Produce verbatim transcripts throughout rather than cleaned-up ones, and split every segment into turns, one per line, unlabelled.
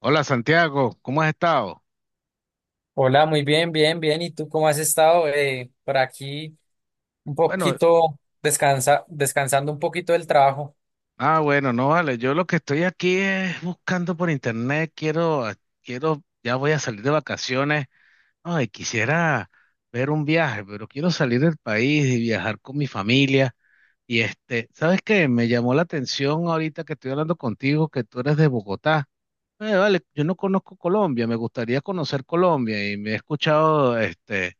Hola Santiago, ¿cómo has estado?
Hola, muy bien, bien, bien. ¿Y tú cómo has estado? Eh, por aquí un
Bueno,
poquito descansa, descansando un poquito del trabajo.
ah, bueno, no, vale, yo lo que estoy aquí es buscando por internet, quiero, quiero, ya voy a salir de vacaciones, ay, quisiera ver un viaje, pero quiero salir del país y viajar con mi familia. Y este, ¿sabes qué? Me llamó la atención ahorita que estoy hablando contigo, que tú eres de Bogotá. Eh, vale, yo no conozco Colombia, me gustaría conocer Colombia y me he escuchado, este,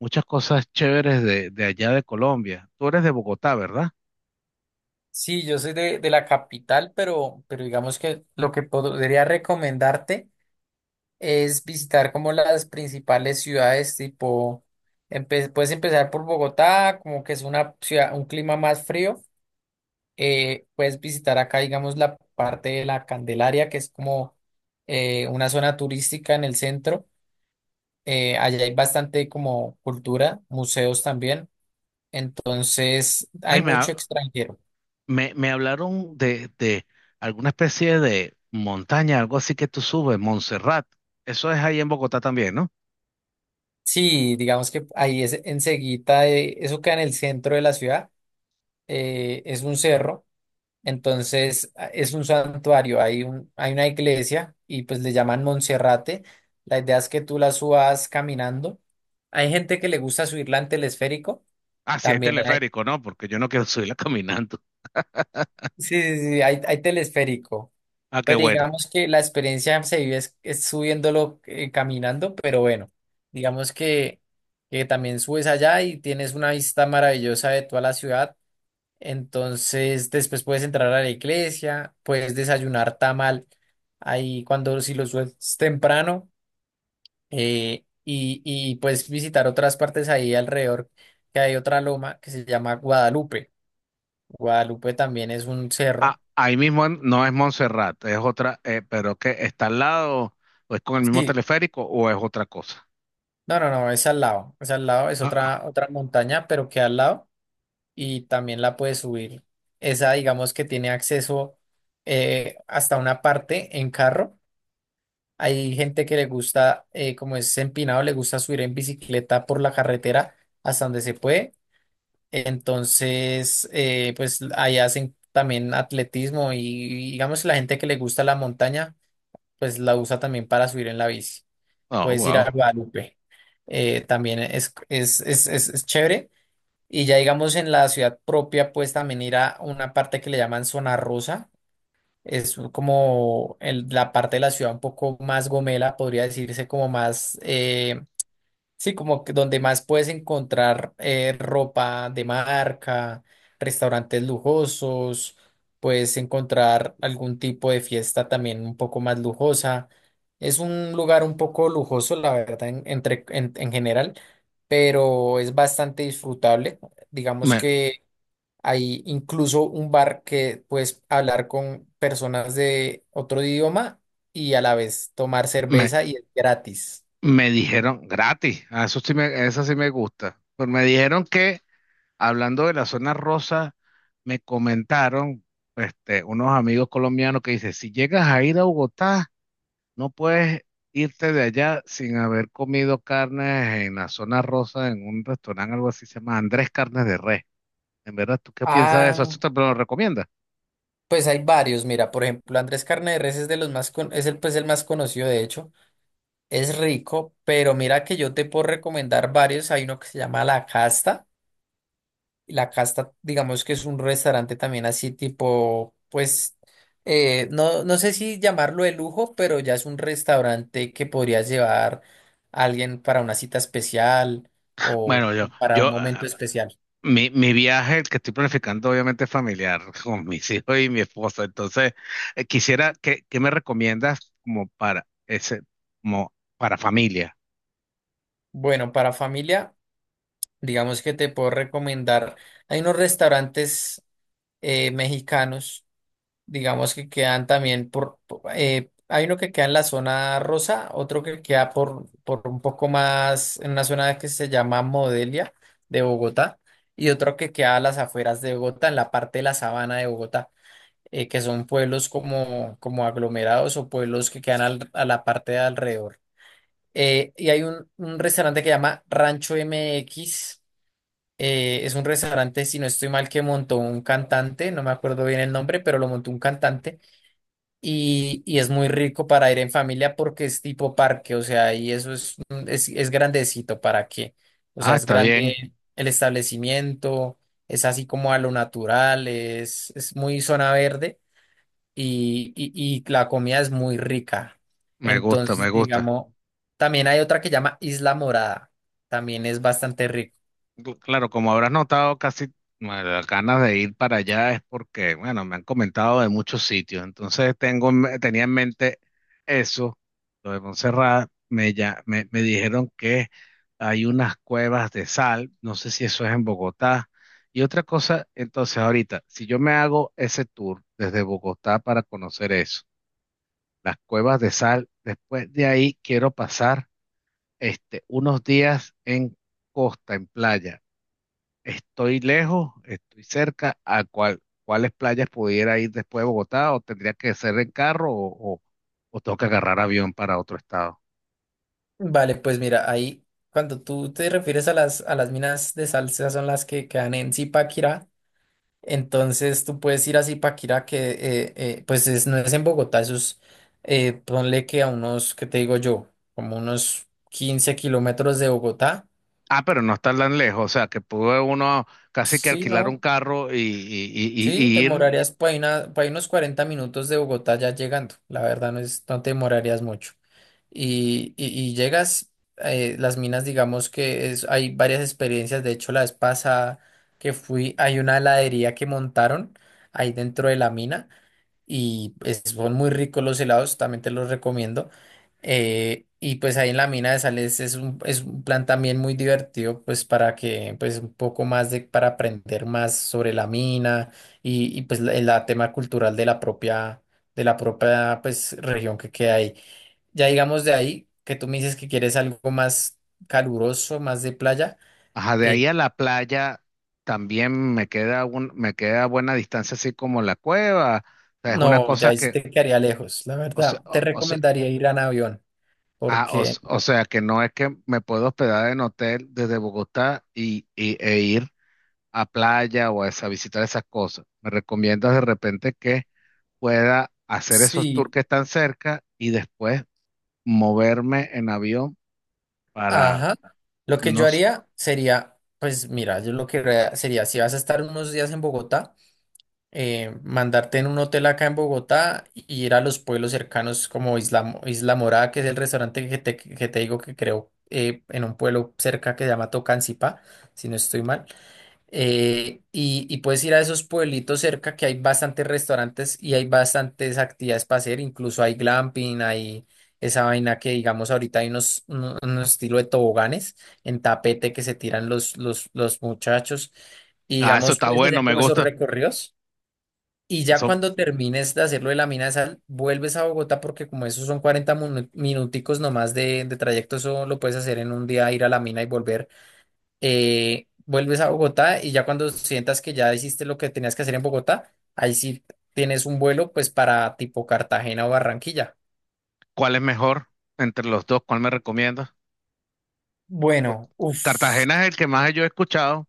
muchas cosas chéveres de, de allá de Colombia. Tú eres de Bogotá, ¿verdad?
Sí, yo soy de, de la capital, pero, pero digamos que lo que podría recomendarte es visitar como las principales ciudades, tipo, empe- puedes empezar por Bogotá, como que es una ciudad, un clima más frío. Eh, puedes visitar acá, digamos, la parte de la Candelaria, que es como eh, una zona turística en el centro, eh, allá hay bastante como cultura, museos también, entonces
Ay,
hay
me,
mucho
ha-
extranjero.
me, me hablaron de, de alguna especie de montaña, algo así que tú subes, Montserrat. Eso es ahí en Bogotá también, ¿no?
Sí, digamos que ahí es enseguida, eh, eso queda en el centro de la ciudad, eh, es un cerro, entonces a- es un santuario, hay un, hay una iglesia y pues le llaman Monserrate, la idea es que tú la subas caminando, hay gente que le gusta subirla en telesférico,
Ah, sí, hay
también hay,
teleférico, ¿no? Porque yo no quiero subirla caminando.
sí, sí, sí, hay, hay telesférico.
Ah, qué
Pero
bueno.
digamos que la experiencia se vive es, es subiéndolo eh, caminando, pero bueno, digamos que, que también subes allá y tienes una vista maravillosa de toda la ciudad. Entonces, después puedes entrar a la iglesia, puedes desayunar tamal ahí cuando si lo subes temprano, eh, y, y puedes visitar otras partes ahí alrededor, que hay otra loma que se llama Guadalupe. Guadalupe también es un cerro.
Ah, ahí mismo en- no es Montserrat, es otra, eh, pero que está al lado, o es con el mismo
Sí,
teleférico, o es otra cosa.
no, no, no, es al lado, es al lado, es
Ah,
otra, otra montaña, pero que al lado y también la puedes subir. Esa, digamos que tiene acceso eh, hasta una parte en carro. Hay gente que le gusta, eh, como es empinado, le gusta subir en bicicleta por la carretera hasta donde se puede. Entonces, eh, pues ahí hacen también atletismo y digamos si la gente que le gusta la montaña, pues la usa también para subir en la bici.
ah, oh,
Puedes ir a
wow.
Guadalupe. Eh, también es, es, es, es, es chévere. Y ya digamos en la ciudad propia, pues también ir a una parte que le llaman Zona Rosa. Es como el- la parte de la ciudad un poco más gomela, podría decirse como más, eh, sí, como que donde más puedes encontrar eh, ropa de marca, restaurantes lujosos, puedes encontrar algún tipo de fiesta también un poco más lujosa. Es un lugar un poco lujoso, la verdad, en, entre, en, en general, pero es bastante disfrutable. Digamos
Me,
que hay incluso un bar que puedes hablar con personas de otro idioma y a la vez tomar
me,
cerveza y es gratis.
me dijeron gratis. Ah, eso sí me, eso sí me gusta. Pero me dijeron que, hablando de la zona rosa, me comentaron, este, unos amigos colombianos que dicen, si llegas a ir a Bogotá, no puedes irte de allá sin haber comido carnes en la zona rosa, en un restaurante, algo así, se llama Andrés Carnes de Res. En verdad, ¿tú qué piensas de eso?
Ah,
¿Tú te lo recomiendas?
pues hay varios, mira, por ejemplo, Andrés Carne de Res es de los más con- es el pues el más conocido de hecho, es rico, pero mira que yo te puedo recomendar varios, hay uno que se llama La Casta, La Casta, digamos que es un restaurante también así tipo pues, eh, no no sé si llamarlo de lujo, pero ya es un restaurante que podrías llevar a alguien para una cita especial o
Bueno, yo,
para un
yo,
momento
ah,
especial.
mi, mi viaje, el que estoy planificando, obviamente es familiar, con mis hijos y mi esposa. Entonces, eh, quisiera, ¿qué, qué me recomiendas como para ese, como para familia?
Bueno, para familia digamos que te puedo recomendar. Hay unos restaurantes eh, mexicanos, digamos que quedan también por, po- eh, hay uno que queda en la zona rosa, otro que queda por, por un poco más, en una zona que se llama Modelia de Bogotá, y otro que queda a las afueras de Bogotá, en la parte de la sabana de Bogotá, eh, que son pueblos como, como aglomerados o pueblos que quedan al- a la parte de alrededor. Eh, y hay un, un restaurante que llama Rancho M X, eh, es un restaurante, si no estoy mal, que montó un cantante, no me acuerdo bien el nombre, pero lo montó un cantante, y, y es muy rico para ir en familia porque es tipo parque, o sea, y eso es, un- es, es grandecito, ¿para qué? O sea,
Ah,
es
está bien,
grande el establecimiento, es así como a lo natural, es, es muy zona verde y, y, y la comida es muy rica.
me gusta, me
Entonces,
gusta.
digamos, también hay otra que llama Isla Morada, también es bastante rica.
Tú- Claro, como habrás notado, casi, bueno, las ganas de ir para allá es porque, bueno, me han comentado de muchos sitios, entonces tengo, en me- tenía en mente eso, lo de Montserrat, me, ya, me, me dijeron que hay unas cuevas de sal, no sé si eso es en Bogotá, y otra cosa, entonces ahorita, si yo me hago ese tour desde Bogotá para conocer eso, las cuevas de sal, después de ahí quiero pasar, este, unos días en costa, en playa. ¿Estoy lejos? ¿Estoy cerca? ¿A cuál, cuáles playas pudiera ir después de Bogotá? ¿O tendría que ser en carro o, o, o tengo que agarrar avión para otro estado?
Vale, pues mira, ahí cuando tú te refieres a las, a las minas de sal, esas son las que quedan en Zipaquirá, entonces tú puedes ir a Zipaquirá que eh, eh, pues es- no es en Bogotá, eso es, eh, ponle que a unos, ¿qué te digo yo? Como unos quince kilómetros de Bogotá.
Ah, pero no está tan lejos, o sea, que pudo uno casi que
Sí,
alquilar un
¿no?
carro y, y- y-
Sí,
y-
te
y ir.
demorarías por ahí, una- por ahí unos cuarenta minutos de Bogotá ya llegando. La verdad no es, no te demorarías mucho. Y, y, y llegas, eh, las minas, digamos que es, hay varias experiencias. De hecho, la vez pasada que fui, hay una heladería que montaron ahí dentro de la mina y es- son muy ricos los helados, también te los recomiendo. Eh, y pues ahí en la mina de sales es un, es un plan también muy divertido, pues para que, pues un poco más de, para aprender más sobre la mina y, y pues la, la tema cultural de la propia, de la propia, pues región que queda ahí. Ya digamos de ahí, que tú me dices que quieres algo más caluroso, más de playa,
Ajá, de
eh,
ahí a la playa también me queda un, me queda buena distancia, así como la cueva. O sea, es una
no, ya
cosa
ahí sí
que,
te quedaría lejos, la
o se-
verdad. Te
o- o sea,
recomendaría ir a Navión,
ah, o,
porque
s- o sea que no es que me puedo hospedar en hotel desde Bogotá y, y- e ir a playa o a, esa- visitar esas cosas. Me recomiendas de repente que pueda hacer esos tours
sí.
que están cerca y después moverme en avión para,
Ajá. Lo que
no.
yo
s-
haría sería, pues mira, yo lo que haría sería, si vas a estar unos días en Bogotá, eh, mandarte en un hotel acá en Bogotá y ir a los pueblos cercanos como Isla, Mo- Isla Morada, que es el restaurante que te, que te digo que creo eh, en un pueblo cerca que se llama Tocancipá, si no estoy mal. Eh, y, y puedes ir a esos pueblitos cerca que hay bastantes restaurantes y hay bastantes actividades para hacer, incluso hay glamping, hay esa vaina que digamos ahorita hay unos, uno- unos estilo de toboganes en tapete que se tiran los, los, los muchachos y
Ah, eso
digamos
está
puedes
bueno,
hacer
me
como esos
gusta.
recorridos y ya
Eso,
cuando termines de hacerlo de la mina de sal, vuelves a Bogotá porque como esos son cuarenta minu- minuticos nomás de, de trayecto, eso lo puedes hacer en un día, ir a la mina y volver, eh, vuelves a Bogotá y ya cuando sientas que ya hiciste lo que tenías que hacer en Bogotá, ahí sí tienes un vuelo pues para tipo Cartagena o Barranquilla.
¿cuál es mejor entre los dos? ¿Cuál me recomiendas? Pues,
Bueno, uff,
Cartagena es el que más yo he escuchado.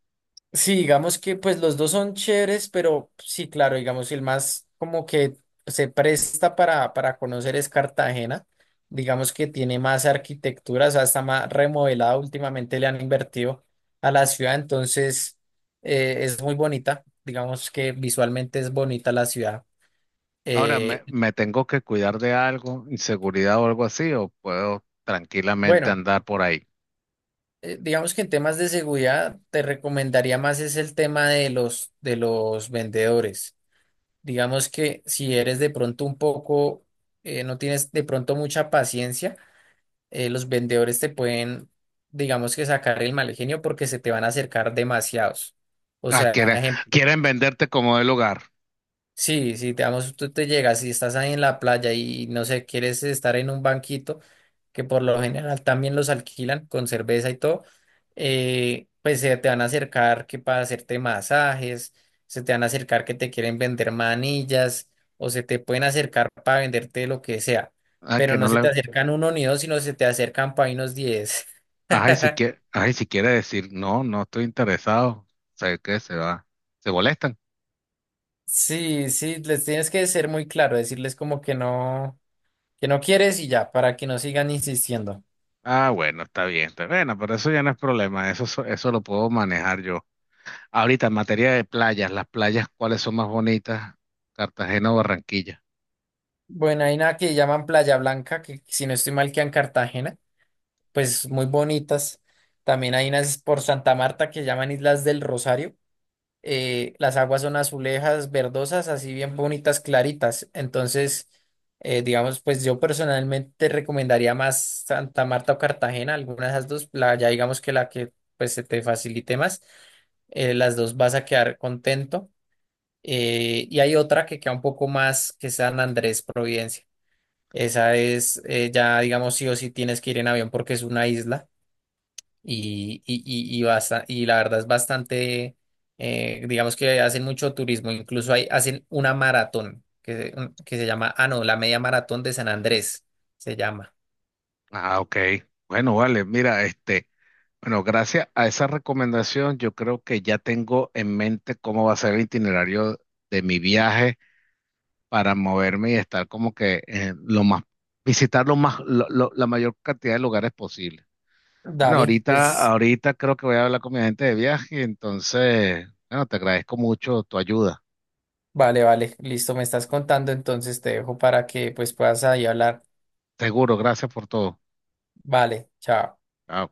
sí, digamos que pues los dos son chéveres, pero sí, claro, digamos el más como que se presta para, para conocer es Cartagena, digamos que tiene más arquitectura, o sea, está más remodelada, últimamente le han invertido a la ciudad, entonces eh, es muy bonita, digamos que visualmente es bonita la ciudad.
Ahora, ¿me,
Eh,
me tengo que cuidar de algo, inseguridad o algo así, o puedo tranquilamente
bueno,
andar por ahí?
eh, digamos que en temas de seguridad te recomendaría más es el tema de los de los vendedores. Digamos que si eres de pronto un poco, eh, no tienes de pronto mucha paciencia, eh, los vendedores te pueden, digamos que sacar el mal genio porque se te van a acercar demasiados. O
Ah,
sea,
quieren,
ejemplo.
quieren venderte como del hogar.
Sí, sí, digamos, tú te llegas y estás ahí en la playa y no sé, quieres estar en un banquito, que por lo general también los alquilan con cerveza y todo, eh, pues se te van a acercar que para hacerte masajes, se te van a acercar que te quieren vender manillas o se te pueden acercar para venderte lo que sea,
Ah,
pero
que no
no se te
le...
acercan uno ni dos, sino se te acercan para unos diez.
Ay, si quiere, ay, si quiere decir, no, no estoy interesado. Sé que se va. ¿Se molestan?
Sí, sí, les tienes que ser muy claro, decirles como que no, que no quieres y ya, para que no sigan insistiendo.
Ah, bueno, está bien, está bueno, pero eso ya no es problema, eso, so- eso lo puedo manejar yo. Ahorita, en materia de playas, las playas, ¿cuáles son más bonitas? ¿Cartagena o Barranquilla?
Bueno, hay una que llaman Playa Blanca, que si no estoy mal queda en Cartagena, pues muy bonitas. También hay unas por Santa Marta que llaman Islas del Rosario. Eh, las aguas son azulejas, verdosas, así bien bonitas, claritas. Entonces, eh, digamos, pues yo personalmente te recomendaría más Santa Marta o Cartagena, alguna de esas dos, la, ya digamos que la que pues se te facilite más, eh, las dos vas a quedar contento. Eh, y hay otra que queda un poco más, que es San Andrés, Providencia. Esa es, eh, ya digamos, sí o sí tienes que ir en avión porque es una isla y, y, y, y basta- y la verdad es bastante, eh, digamos que hacen mucho turismo, incluso hay, hacen una maratón que, se- un- que se llama, ah, no, la media maratón de San Andrés se llama.
Ah, ok. Bueno, vale, mira, este... Bueno, gracias a esa recomendación, yo creo que ya tengo en mente cómo va a ser el itinerario de mi viaje para moverme y estar como que, eh, lo más, visitar lo más, lo- lo- la mayor cantidad de lugares posible. Bueno,
Dale,
ahorita,
pues
ahorita creo que voy a hablar con mi agente de viaje, entonces, bueno, te agradezco mucho tu ayuda.
vale, vale, listo, me estás contando, entonces te dejo para que pues puedas ahí hablar.
Seguro, gracias por todo.
Vale, chao.
Chao.